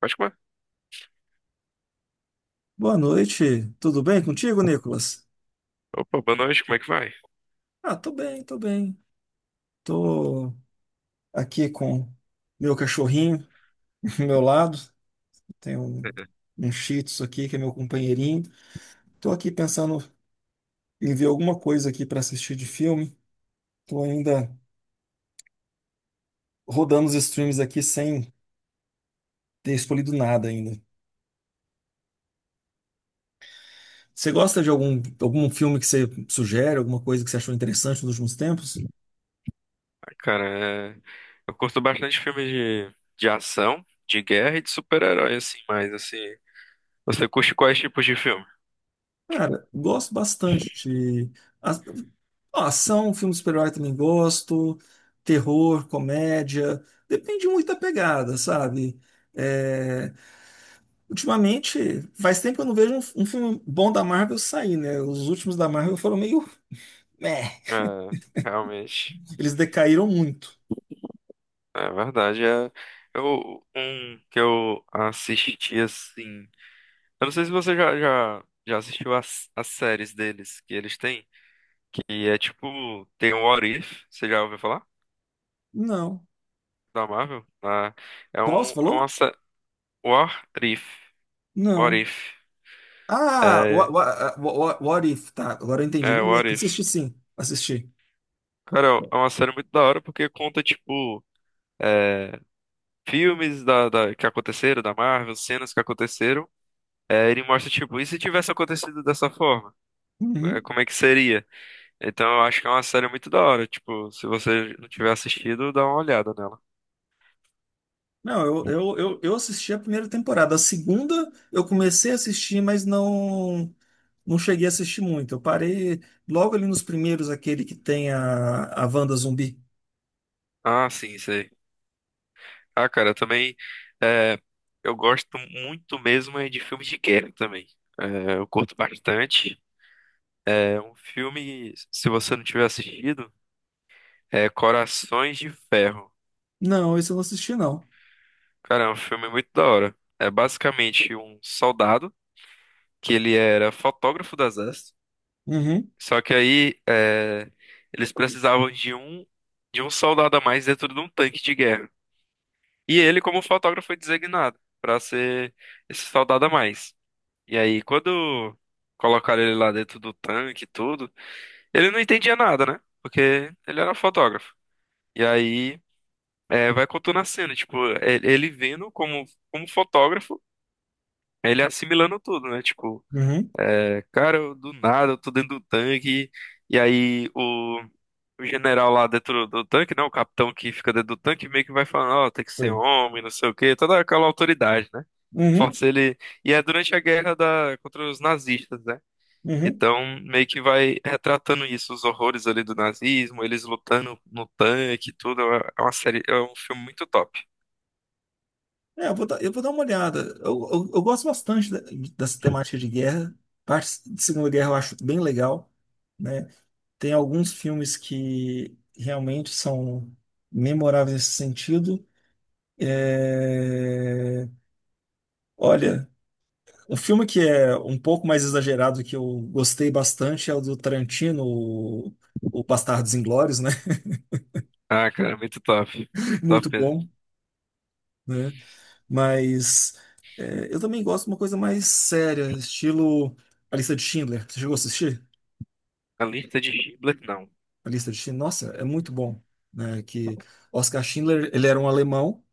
Pode comer. Boa noite, tudo bem contigo, Nicolas? Opa, boa noite, como é que vai? Ah, tô bem, tô bem. Tô aqui com meu cachorrinho do meu lado. Tem um Shih Tzu aqui, que é meu companheirinho. Tô aqui pensando em ver alguma coisa aqui para assistir de filme. Tô ainda rodando os streams aqui sem ter escolhido nada ainda. Você gosta de algum filme que você sugere, alguma coisa que você achou interessante nos últimos tempos? Ah, cara, eu curto bastante filmes de ação, de guerra e de super-herói, assim, mas assim, você curte quais tipos de filme? Cara, gosto bastante de a- ó, ação, filme de super-herói também gosto, terror, comédia, depende muito da pegada, sabe? É, ultimamente, faz tempo que eu não vejo um filme bom da Marvel sair, né? Os últimos da Marvel foram meio, meh, É, realmente, eles decaíram muito. é verdade. Eu, um que eu assisti, assim, eu não sei se você já assistiu as séries deles que eles têm, que é tipo, tem o What If, você já ouviu falar? Não. Da Marvel? Qual você É uma falou? série, What If, What Não. If. Ah, What, É, What, What If, tá, agora eu entendi. Não, eu What If. assisti sim, assisti. Cara, é uma série muito da hora porque conta, tipo, é, filmes que aconteceram, da Marvel, cenas que aconteceram. É, ele mostra, tipo, e se tivesse acontecido dessa forma? É, Uhum. como é que seria? Então eu acho que é uma série muito da hora. Tipo, se você não tiver assistido, dá uma olhada nela. Não, eu assisti a primeira temporada. A segunda eu comecei a assistir, mas não cheguei a assistir muito. Eu parei logo ali nos primeiros, aquele que tem a Wanda zumbi. Ah, sim, sei. Ah, cara, eu também. é, eu gosto muito mesmo é de filmes de guerra também. É, eu curto bastante. É um filme, se você não tiver assistido. É Corações de Ferro. Não, esse eu não assisti, não. Cara, é um filme muito da hora. É basicamente um soldado que ele era fotógrafo do exército. Uhum, Só que eles precisavam de um soldado a mais dentro de um tanque de guerra. E ele, como fotógrafo, foi designado para ser esse soldado a mais. E aí, quando colocaram ele lá dentro do tanque e tudo, ele não entendia nada, né? Porque ele era fotógrafo. E aí vai contando a cena, tipo, ele vendo como, como fotógrafo, ele assimilando tudo, né? Tipo, uhum. é, cara, eu, do nada, eu tô dentro do tanque, e aí o general lá dentro do tanque, né? O capitão que fica dentro do tanque, meio que vai falando, ó, tem que ser Sim. homem, não sei o quê, toda aquela autoridade, né? Uhum, Força ele. E é durante a guerra contra os nazistas, né? uhum. Então, meio que vai retratando isso, os horrores ali do nazismo, eles lutando no tanque, e tudo. É uma série, é um filme muito top. É, eu vou dar uma olhada. Eu gosto bastante dessa temática de guerra. Parte de Segunda Guerra eu acho bem legal, né? Tem alguns filmes que realmente são memoráveis nesse sentido. É, olha, um filme que é um pouco mais exagerado que eu gostei bastante é o do Tarantino, o Bastardos Inglórios, né? Ah, cara, muito top. Muito Muito top mesmo. bom, né? Mas é, eu também gosto de uma coisa mais séria, estilo A Lista de Schindler. Você chegou a assistir? A Lista de Schindler, não. A Lista de Schindler? Nossa, é muito bom, né? Que Oscar Schindler, ele era um alemão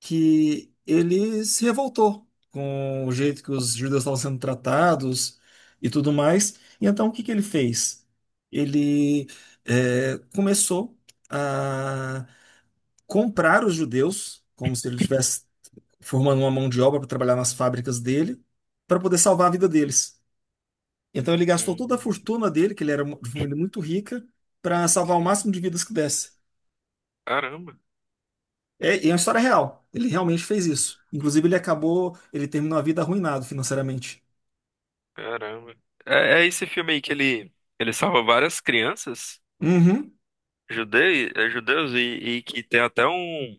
que ele se revoltou com o jeito que os judeus estavam sendo tratados e tudo mais. E então o que que ele fez? Ele começou a comprar os judeus, como se ele estivesse formando uma mão de obra para trabalhar nas fábricas dele, para poder salvar a vida deles. Então ele gastou toda a Hum, fortuna dele, que ele era de família muito rica, para salvar o sim. máximo de vidas que desse. Caramba, É, e é uma história real. Ele realmente fez isso. Inclusive, ele acabou, ele terminou a vida arruinado financeiramente. caramba. É, é esse filme aí ele salva várias crianças Uhum. Judeus e que tem até um,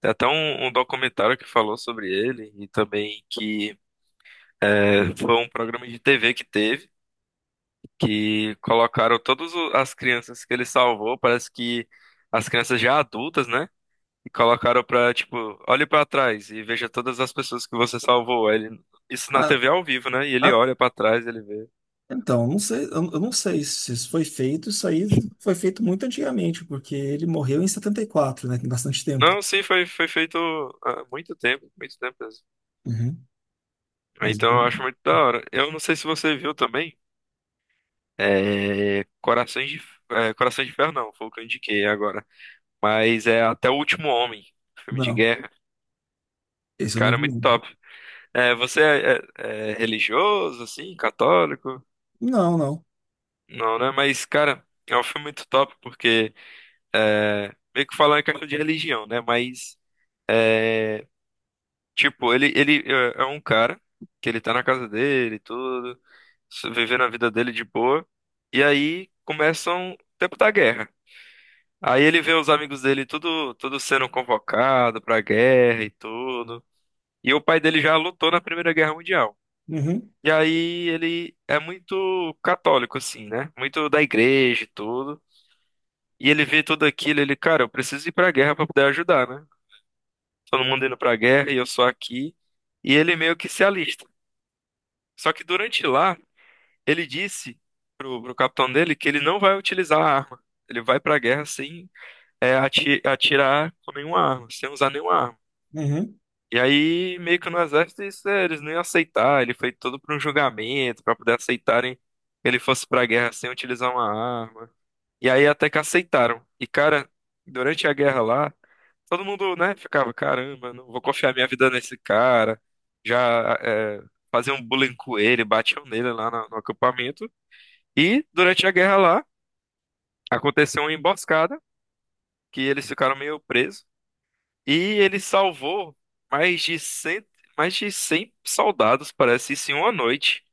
tem até um documentário que falou sobre ele e também que é, foi um programa de TV que teve, que colocaram as crianças que ele salvou, parece que as crianças já adultas, né? E colocaram pra, tipo, olhe pra trás e veja todas as pessoas que você salvou. Aí ele, isso na Ah, TV ao vivo, né? E ele ah, olha pra trás, ele vê. então, não sei, eu não sei se isso foi feito, isso aí foi feito muito antigamente, porque ele morreu em 74, né? Tem bastante tempo. Não, sim, foi, foi feito há muito tempo mesmo. Uhum. Mas Então eu acho muito da hora. Eu não sei se você viu também. É, Corações de, é, Corações de Ferro não, foi o que eu indiquei agora. Mas é Até o Último Homem, filme de não, guerra. esse eu não Cara, é vi. muito top. É, você é, é- é religioso, assim, católico? Não, não, não. Não, né? Mas, cara, é um filme muito top porque é, meio que falar em questão de religião, né? Mas, é, tipo, ele é um cara que ele tá na casa dele, e tudo, vivendo a vida dele de boa. E aí começam o tempo da guerra. Aí ele vê os amigos dele tudo, tudo sendo convocado pra guerra e tudo. E o pai dele já lutou na Primeira Guerra Mundial. Uhum, E aí ele é muito católico, assim, né? Muito da igreja e tudo. E ele vê tudo aquilo, ele, cara, eu preciso ir pra guerra pra poder ajudar, né? Todo mundo indo pra guerra e eu só aqui. E ele meio que se alista. Só que durante lá, ele disse pro capitão dele que ele não vai utilizar a arma. Ele vai pra guerra sem atirar com nenhuma arma, sem usar nenhuma arma. uhum. E aí, meio que no exército, isso, é, eles não iam aceitar. Ele foi todo para um julgamento, para poder aceitarem que ele fosse para a guerra sem utilizar uma arma. E aí, até que aceitaram. E, cara, durante a guerra lá. Todo mundo, né, ficava, caramba, não vou confiar minha vida nesse cara. Já é, faziam um bullying com ele, batiam nele lá no acampamento. E durante a guerra lá, aconteceu uma emboscada, que eles ficaram meio presos. E ele salvou mais de 100, mais de 100 soldados, parece, isso em uma noite.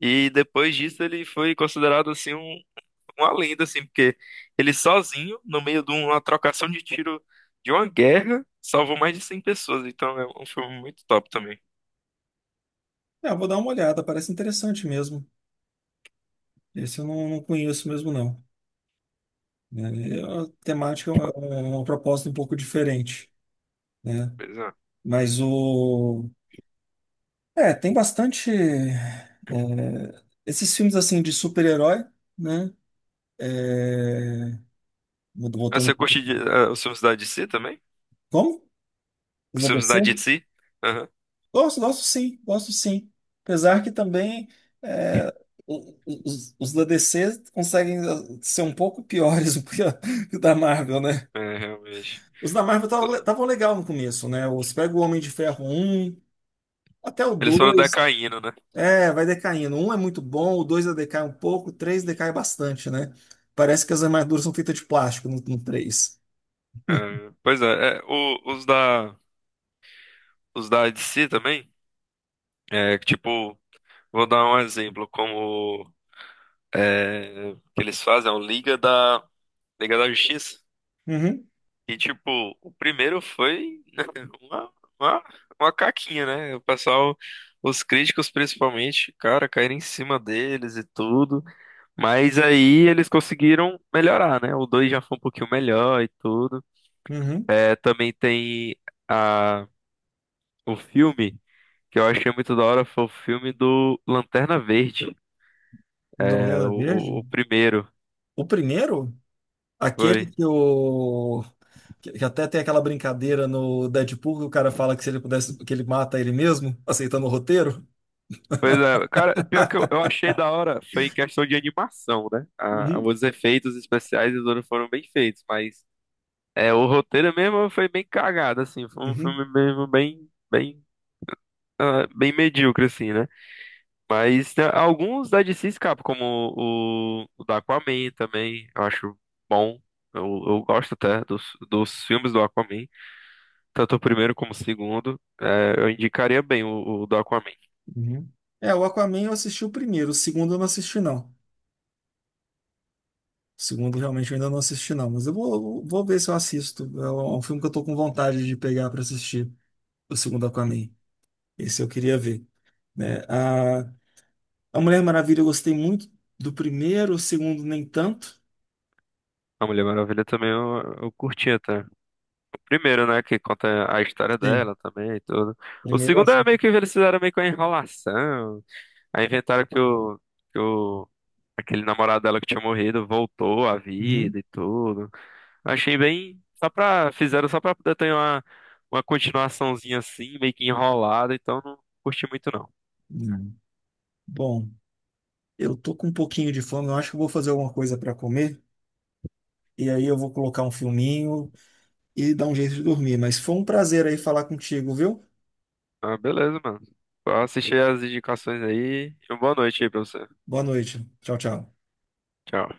E depois disso ele foi considerado assim uma lenda, assim, porque ele sozinho, no meio de uma trocação de tiro de uma guerra, salvou mais de 100 pessoas. Então é um filme muito top também. É, eu vou dar uma olhada, parece interessante mesmo. Esse eu não conheço mesmo, não. Né? É, a temática é é uma proposta um pouco diferente, né? Pois é. Mas o é, tem bastante. É, esses filmes assim de super-herói, né? É, Ah, voltando um você pouco. curte de, ah, os filmes da DC também? Como? Os Os da filmes DC? da DC? Aham. Gosto, gosto sim, gosto sim. Apesar que também é, os da DC conseguem ah, ser um pouco piores do que, que o da Marvel, né? É, realmente. Os da Marvel estavam legal no começo, né? Os pega o Homem de Ferro um até o Eles foram dois. decaindo, né? É, vai decaindo. Um é muito bom, o dois já decai um pouco, o três decai bastante, né? Parece que as armaduras são feitas de plástico no três. É, pois é, é, o- os os da DC também, é, tipo, vou dar um exemplo, que eles fazem, é o Liga da Justiça. Uhum, E tipo, o primeiro foi né, uma, uma, uma caquinha, né? O pessoal, os críticos principalmente, cara, caíram em cima deles e tudo. Mas aí eles conseguiram melhorar, né? O 2 já foi um pouquinho melhor e tudo. uhum. É, também tem a, o filme, que eu achei muito da hora, foi o filme do Lanterna Verde. É, o, Novela Verde? o primeiro. O primeiro? Aquele Foi. que o. Que que até tem aquela brincadeira no Deadpool que o cara fala que se ele pudesse, que ele mata ele mesmo, aceitando o roteiro. Pois é, cara, pior que eu achei da hora foi em questão de animação, né? A, Uhum, os efeitos especiais eles foram bem feitos, mas é, o roteiro mesmo foi bem cagado, assim, foi um uhum, filme mesmo bem, ah, bem medíocre, assim, né? Mas tem alguns da DC escapam, como o da Aquaman também, eu acho bom. Eu gosto até dos filmes do Aquaman, tanto o primeiro como o segundo. É, eu indicaria bem o do Aquaman. uhum. É, o Aquaman eu assisti o primeiro, o segundo eu não assisti, não. O segundo, realmente, eu ainda não assisti, não. Mas vou ver se eu assisto. É é um filme que eu tô com vontade de pegar para assistir. O segundo Aquaman. Esse eu queria ver. Né? A Mulher Maravilha eu gostei muito do primeiro, o segundo nem tanto. A Mulher Maravilha também eu curti até. Primeiro, né, que conta a história Sim, dela também e tudo. O primeiro eu segundo acho. é meio que eles fizeram meio que uma enrolação. Aí inventaram que aquele namorado dela que tinha morrido voltou à vida Uhum. e tudo. Achei bem, só pra, fizeram só pra poder ter uma continuaçãozinha assim, meio que enrolada, então não curti muito não. Uhum. Bom, eu tô com um pouquinho de fome, eu acho que eu vou fazer alguma coisa para comer. E aí eu vou colocar um filminho e dar um jeito de dormir. Mas foi um prazer aí falar contigo, viu? Ah, beleza, mano. Vou assistir as indicações aí e uma boa noite aí pra você. Boa noite. Tchau, tchau. Tchau.